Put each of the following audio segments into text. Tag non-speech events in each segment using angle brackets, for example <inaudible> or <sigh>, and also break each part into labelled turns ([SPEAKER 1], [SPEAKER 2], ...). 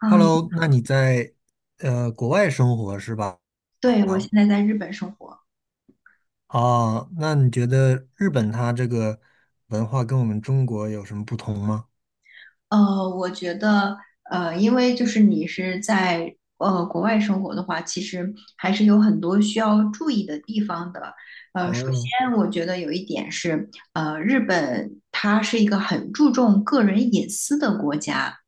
[SPEAKER 1] 嗯，
[SPEAKER 2] Hello，那你在国外生活是吧？
[SPEAKER 1] 对，我现
[SPEAKER 2] 啊，
[SPEAKER 1] 在在日本生活。
[SPEAKER 2] 哦，那你觉得日本它这个文化跟我们中国有什么不同吗？
[SPEAKER 1] 我觉得，因为就是你是在国外生活的话，其实还是有很多需要注意的地方的。首
[SPEAKER 2] 哦，
[SPEAKER 1] 先我觉得有一点是，日本它是一个很注重个人隐私的国家。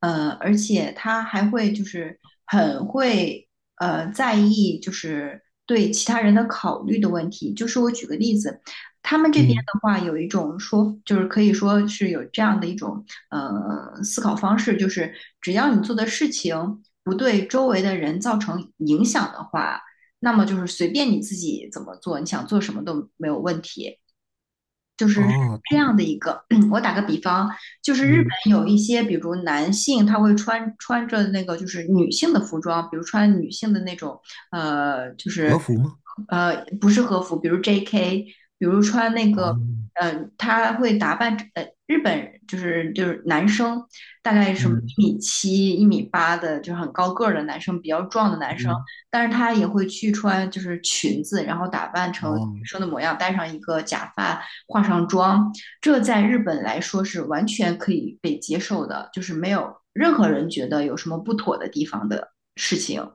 [SPEAKER 1] 而且他还会就是很会在意就是对其他人的考虑的问题。就是我举个例子，他们这边
[SPEAKER 2] 嗯，
[SPEAKER 1] 的话有一种说，就是可以说是有这样的一种思考方式，就是只要你做的事情不对周围的人造成影响的话，那么就是随便你自己怎么做，你想做什么都没有问题。就是
[SPEAKER 2] 哦，
[SPEAKER 1] 这样的一个，<clears throat> 我打个比方，就是日
[SPEAKER 2] 嗯，
[SPEAKER 1] 本有一些，比如男性他会穿着那个就是女性的服装，比如穿女性的那种，呃，就
[SPEAKER 2] 和
[SPEAKER 1] 是
[SPEAKER 2] 服吗？
[SPEAKER 1] 不是和服，比如 J.K.,比如穿那个，
[SPEAKER 2] 哦，
[SPEAKER 1] 他会打扮，日本就是男生大概什么
[SPEAKER 2] 嗯
[SPEAKER 1] 1.7米、1.8米的，就是很高个儿的男生，比较壮的男生，
[SPEAKER 2] 嗯，
[SPEAKER 1] 但是他也会去穿就是裙子，然后打扮成女
[SPEAKER 2] 哦，
[SPEAKER 1] 生的模样，戴上一个假发。化上妆，这在日本来说是完全可以被接受的，就是没有任何人觉得有什么不妥的地方的事情。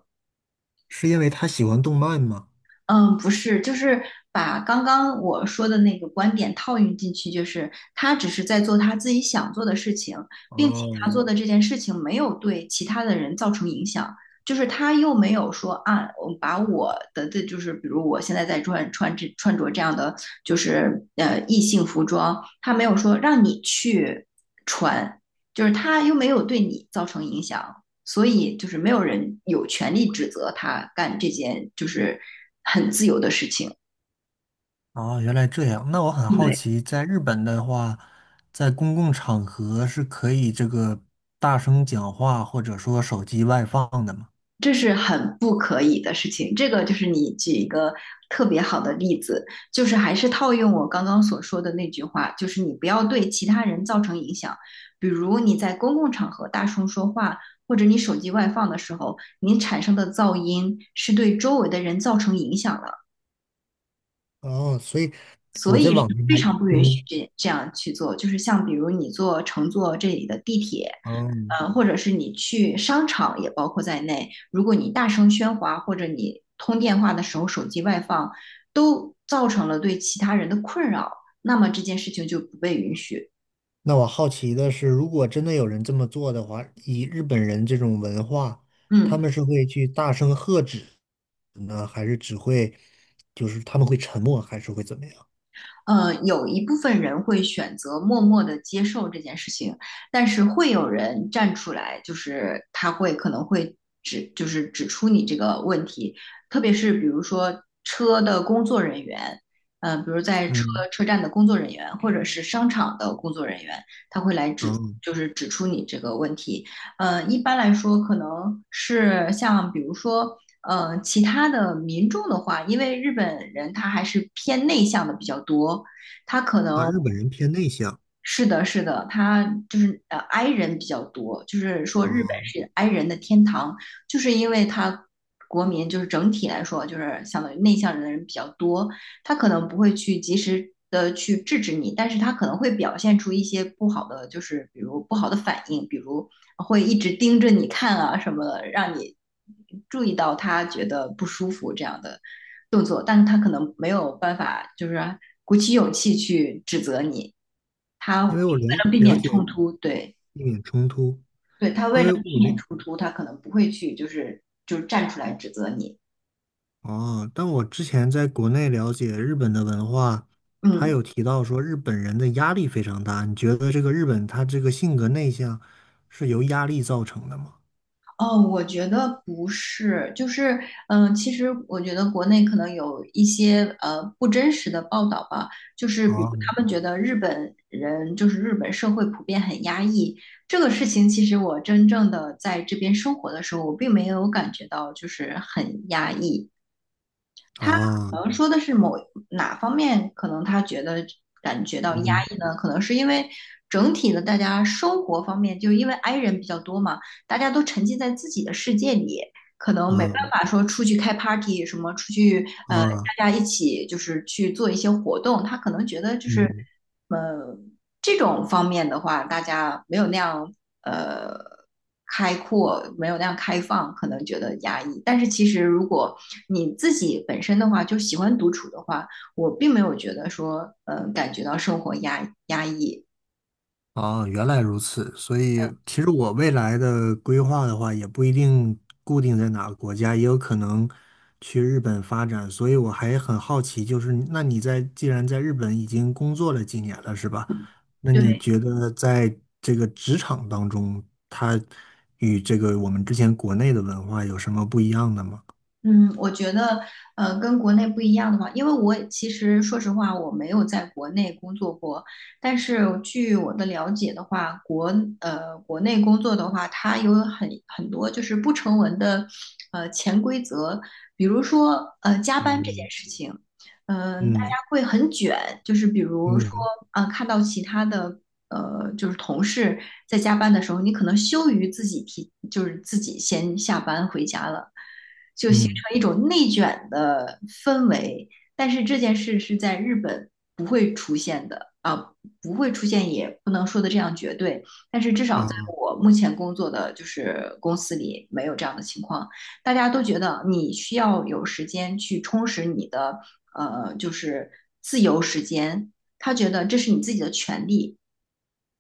[SPEAKER 2] 是因为他喜欢动漫吗？
[SPEAKER 1] 嗯，不是，就是把刚刚我说的那个观点套用进去，就是他只是在做他自己想做的事情，并且他
[SPEAKER 2] 哦，
[SPEAKER 1] 做的这件事情没有对其他的人造成影响，就是他又没有说啊，我把我的这就是比如我现在在穿着这样的就是异性服装，他没有说让你去穿，就是他又没有对你造成影响。所以就是没有人有权利指责他干这件就是很自由的事情。
[SPEAKER 2] 哦，原来这样。那我很好
[SPEAKER 1] 对，
[SPEAKER 2] 奇，在日本的话，在公共场合是可以这个大声讲话，或者说手机外放的吗？
[SPEAKER 1] 这是很不可以的事情。这个就是你举一个特别好的例子，就是还是套用我刚刚所说的那句话，就是你不要对其他人造成影响。比如你在公共场合大声说话，或者你手机外放的时候，你产生的噪音是对周围的人造成影响了。
[SPEAKER 2] 哦，所以
[SPEAKER 1] 所
[SPEAKER 2] 我在
[SPEAKER 1] 以是
[SPEAKER 2] 网上
[SPEAKER 1] 非
[SPEAKER 2] 还，
[SPEAKER 1] 常不允许
[SPEAKER 2] 嗯，
[SPEAKER 1] 这样去做，就是像比如你乘坐这里的地铁，
[SPEAKER 2] 哦，
[SPEAKER 1] 或者是你去商场也包括在内，如果你大声喧哗或者你通电话的时候手机外放，都造成了对其他人的困扰，那么这件事情就不被允许。
[SPEAKER 2] 那我好奇的是，如果真的有人这么做的话，以日本人这种文化，他
[SPEAKER 1] 嗯，
[SPEAKER 2] 们是会去大声喝止呢，还是只会，就是他们会沉默，还是会怎么样？
[SPEAKER 1] 有一部分人会选择默默的接受这件事情，但是会有人站出来，就是他会可能会指，就是指出你这个问题，特别是比如说车的工作人员，比如在车
[SPEAKER 2] 嗯，
[SPEAKER 1] 车站的工作人员，或者是商场的工作人员，他会来
[SPEAKER 2] 哦，
[SPEAKER 1] 指，就是指出你这个问题。一般来说，可能是像比如说，其他的民众的话，因为日本人他还是偏内向的比较多，他可
[SPEAKER 2] 啊，
[SPEAKER 1] 能。
[SPEAKER 2] 日本人偏内向
[SPEAKER 1] 是的，是的，他就是i 人比较多，就是说
[SPEAKER 2] 啊，
[SPEAKER 1] 日本是 i 人的天堂，就是因为他国民就是整体来说就是相当于内向人的人比较多，他可能不会去及时的去制止你，但是他可能会表现出一些不好的，就是比如不好的反应，比如会一直盯着你看啊什么的，让你注意到他觉得不舒服这样的动作，但他可能没有办法，就是鼓起勇气去指责你。他为
[SPEAKER 2] 因为我了
[SPEAKER 1] 了避
[SPEAKER 2] 了
[SPEAKER 1] 免
[SPEAKER 2] 解
[SPEAKER 1] 冲突。对
[SPEAKER 2] 避免冲突，
[SPEAKER 1] 对，他为
[SPEAKER 2] 因
[SPEAKER 1] 了
[SPEAKER 2] 为我
[SPEAKER 1] 避
[SPEAKER 2] 了
[SPEAKER 1] 免冲突，他可能不会去就是站出来指责你。
[SPEAKER 2] 哦，但我之前在国内了解日本的文化，他
[SPEAKER 1] 嗯。
[SPEAKER 2] 有提到说日本人的压力非常大。你觉得这个日本他这个性格内向是由压力造成的吗？
[SPEAKER 1] 哦，我觉得不是，就是，其实我觉得国内可能有一些不真实的报道吧，就是比如
[SPEAKER 2] 啊
[SPEAKER 1] 他们觉得日本人就是日本社会普遍很压抑，这个事情其实我真正的在这边生活的时候，我并没有感觉到就是很压抑，
[SPEAKER 2] 啊，
[SPEAKER 1] 可能说的是哪方面，可能他觉得感觉到压
[SPEAKER 2] 嗯
[SPEAKER 1] 抑呢？可能是因为整体的大家生活方面，就因为 i 人比较多嘛，大家都沉浸在自己的世界里，可能没办
[SPEAKER 2] 啊
[SPEAKER 1] 法说出去开 party 什么，出去
[SPEAKER 2] 啊
[SPEAKER 1] 大家一起就是去做一些活动，他可能觉得就是
[SPEAKER 2] 嗯。
[SPEAKER 1] 呃这种方面的话，大家没有那样呃开阔，没有那样开放，可能觉得压抑。但是其实如果你自己本身的话，就喜欢独处的话，我并没有觉得说，感觉到生活压抑。
[SPEAKER 2] 哦，原来如此。所以，其实我未来的规划的话，也不一定固定在哪个国家，也有可能去日本发展。所以，我还很好奇，就是那你在既然在日本已经工作了几年了，是吧？那你
[SPEAKER 1] 对。
[SPEAKER 2] 觉得在这个职场当中，它与这个我们之前国内的文化有什么不一样的吗？
[SPEAKER 1] 嗯，我觉得，跟国内不一样的话，因为我其实说实话，我没有在国内工作过，但是据我的了解的话，国内工作的话，它有很多就是不成文的潜规则，比如说加班这件
[SPEAKER 2] 嗯
[SPEAKER 1] 事情，大家
[SPEAKER 2] 嗯
[SPEAKER 1] 会很卷，就是比如说
[SPEAKER 2] 嗯
[SPEAKER 1] 啊、看到其他的就是同事在加班的时候，你可能羞于自己提，就是自己先下班回家了。就形
[SPEAKER 2] 嗯
[SPEAKER 1] 成一种内卷的氛围。但是这件事是在日本不会出现的啊、不会出现，也不能说的这样绝对。但是至少在
[SPEAKER 2] 啊，
[SPEAKER 1] 我目前工作的就是公司里没有这样的情况，大家都觉得你需要有时间去充实你的就是自由时间。他觉得这是你自己的权利，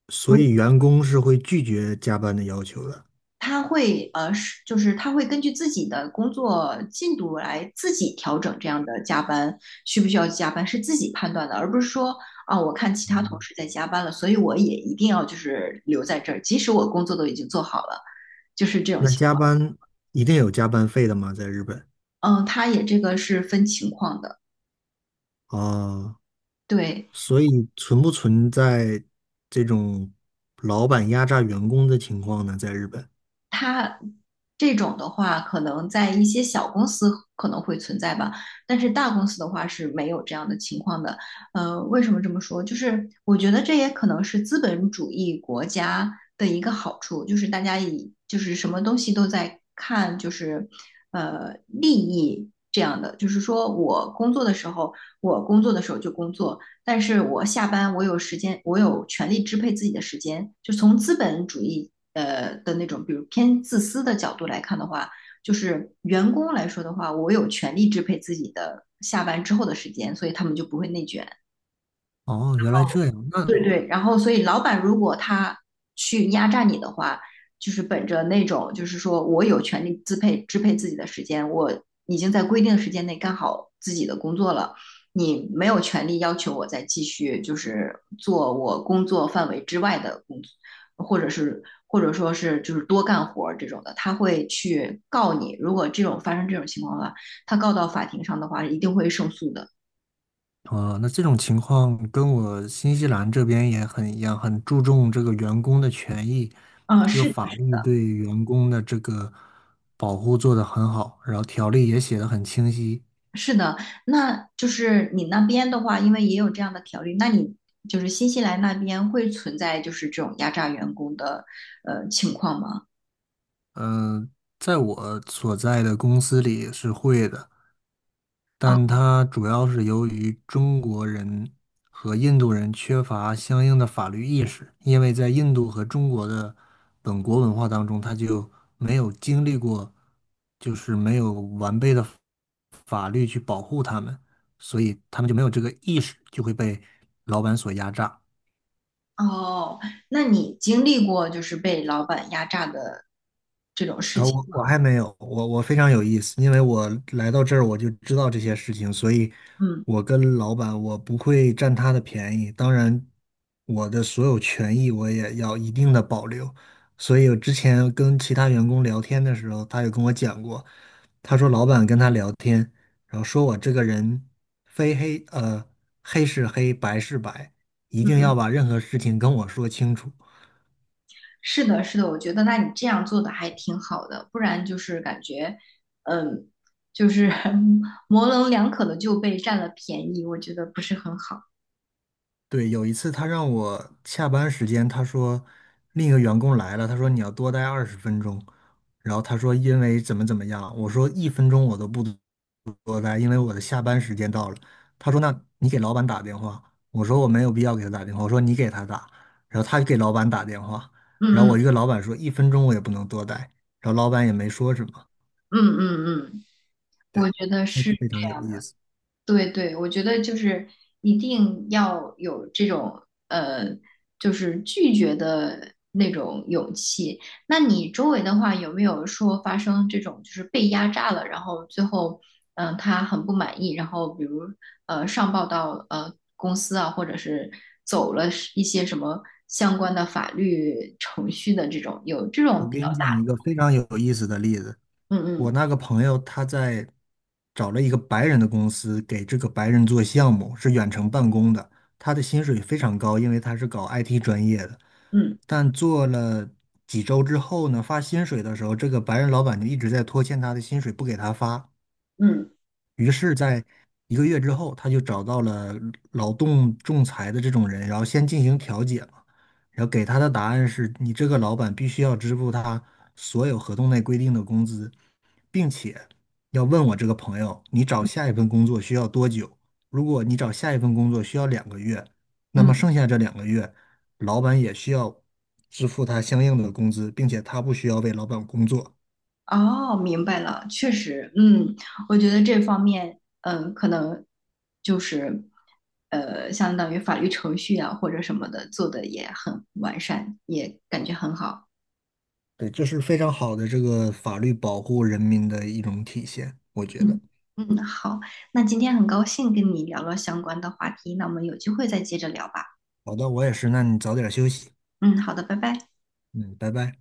[SPEAKER 2] 所以员工是会拒绝加班的要求的。
[SPEAKER 1] 他会呃，是就是他会根据自己的工作进度来自己调整这样的加班需不需要加班，是自己判断的，而不是说啊，我看其他同
[SPEAKER 2] 嗯。
[SPEAKER 1] 事在加班了，所以我也一定要就是留在这儿，即使我工作都已经做好了，就是这种
[SPEAKER 2] 那
[SPEAKER 1] 情
[SPEAKER 2] 加
[SPEAKER 1] 况。
[SPEAKER 2] 班一定有加班费的吗？在日本
[SPEAKER 1] 嗯，他也这个是分情况的。
[SPEAKER 2] 啊，
[SPEAKER 1] 对。
[SPEAKER 2] 所以存不存在这种老板压榨员工的情况呢？在日本
[SPEAKER 1] 它这种的话，可能在一些小公司可能会存在吧，但是大公司的话是没有这样的情况的。为什么这么说？就是我觉得这也可能是资本主义国家的一个好处，就是大家以就是什么东西都在看，就是利益这样的，就是说我工作的时候就工作，但是我下班我有时间，我有权利支配自己的时间。就从资本主义的那种，比如偏自私的角度来看的话，就是员工来说的话，我有权利支配自己的下班之后的时间，所以他们就不会内卷。
[SPEAKER 2] 哦，原来这样。那
[SPEAKER 1] 对对，然后所以老板如果他去压榨你的话，就是本着那种就是说我有权利支配自己的时间，我已经在规定的时间内干好自己的工作了，你没有权利要求我再继续就是做我工作范围之外的工作，或者说是就是多干活儿这种的，他会去告你。如果发生这种情况的话，他告到法庭上的话，一定会胜诉的。
[SPEAKER 2] 啊，那这种情况跟我新西兰这边也很一样，很注重这个员工的权益，
[SPEAKER 1] 嗯，
[SPEAKER 2] 这个法律对员工的这个保护做得很好，然后条例也写得很清晰。
[SPEAKER 1] 是的，那就是你那边的话，因为也有这样的条例，那你就是新西兰那边会存在就是这种压榨员工的情况吗？
[SPEAKER 2] 嗯、在我所在的公司里是会的。但
[SPEAKER 1] 哦
[SPEAKER 2] 它主要是由于中国人和印度人缺乏相应的法律意识，因为在印度和中国的本国文化当中，他就没有经历过，就是没有完备的法律去保护他们，所以他们就没有这个意识，就会被老板所压榨。
[SPEAKER 1] 哦，那你经历过就是被老板压榨的这种事
[SPEAKER 2] 啊，
[SPEAKER 1] 情？
[SPEAKER 2] 我还没有，我非常有意思，因为我来到这儿我就知道这些事情，所以
[SPEAKER 1] 嗯，
[SPEAKER 2] 我跟老板我不会占他的便宜，当然我的所有权益我也要一定的保留。所以我之前跟其他员工聊天的时候，他也跟我讲过，他说老板跟他聊天，然后说我这个人非黑呃黑是黑白是白，一定要把任何事情跟我说清楚。
[SPEAKER 1] 是的，是的，我觉得那你这样做的还挺好的，不然就是感觉嗯，就是 <laughs> 模棱两可的就被占了便宜，我觉得不是很好。
[SPEAKER 2] 对，有一次他让我下班时间，他说另一个员工来了，他说你要多待20分钟，然后他说因为怎么怎么样，我说一分钟我都不多待，因为我的下班时间到了。他说那你给老板打电话，我说我没有必要给他打电话，我说你给他打，然后他给老板打电话，然后
[SPEAKER 1] 嗯
[SPEAKER 2] 我
[SPEAKER 1] 嗯
[SPEAKER 2] 一个老板说一分钟我也不能多待，然后老板也没说什么，
[SPEAKER 1] 嗯嗯嗯，
[SPEAKER 2] 对，
[SPEAKER 1] 我觉得
[SPEAKER 2] 非
[SPEAKER 1] 是。
[SPEAKER 2] 非常有意思。
[SPEAKER 1] 对对，我觉得就是一定要有这种呃，就是拒绝的那种勇气。那你周围的话，有没有说发生这种就是被压榨了，然后最后他很不满意，然后比如上报到公司啊，或者是走了一些什么相关的法律程序的这种，有这种
[SPEAKER 2] 我
[SPEAKER 1] 比
[SPEAKER 2] 给
[SPEAKER 1] 较
[SPEAKER 2] 你
[SPEAKER 1] 大。
[SPEAKER 2] 讲一个非常有意思的例子。
[SPEAKER 1] 嗯
[SPEAKER 2] 我
[SPEAKER 1] 嗯
[SPEAKER 2] 那个朋友他在找了一个白人的公司，给这个白人做项目，是远程办公的。他的薪水非常高，因为他是搞 IT 专业的。
[SPEAKER 1] 嗯
[SPEAKER 2] 但做了几周之后呢，发薪水的时候，这个白人老板就一直在拖欠他的薪水，不给他发。
[SPEAKER 1] 嗯
[SPEAKER 2] 于是，在1个月之后，他就找到了劳动仲裁的这种人，然后先进行调解嘛。然后给他的答案是你这个老板必须要支付他所有合同内规定的工资，并且要问我这个朋友，你找下一份工作需要多久？如果你找下一份工作需要两个月，那么
[SPEAKER 1] 嗯。
[SPEAKER 2] 剩下这两个月，老板也需要支付他相应的工资，并且他不需要为老板工作。
[SPEAKER 1] 哦，明白了，确实，嗯，我觉得这方面，可能就是，相当于法律程序啊或者什么的做的也很完善，也感觉很好。
[SPEAKER 2] 对，这是非常好的这个法律保护人民的一种体现，我觉得。
[SPEAKER 1] 嗯嗯，好，那今天很高兴跟你聊了相关的话题，那我们有机会再接着聊吧。
[SPEAKER 2] 好的，我也是，那你早点休息。
[SPEAKER 1] 嗯，好的，拜拜。
[SPEAKER 2] 嗯，拜拜。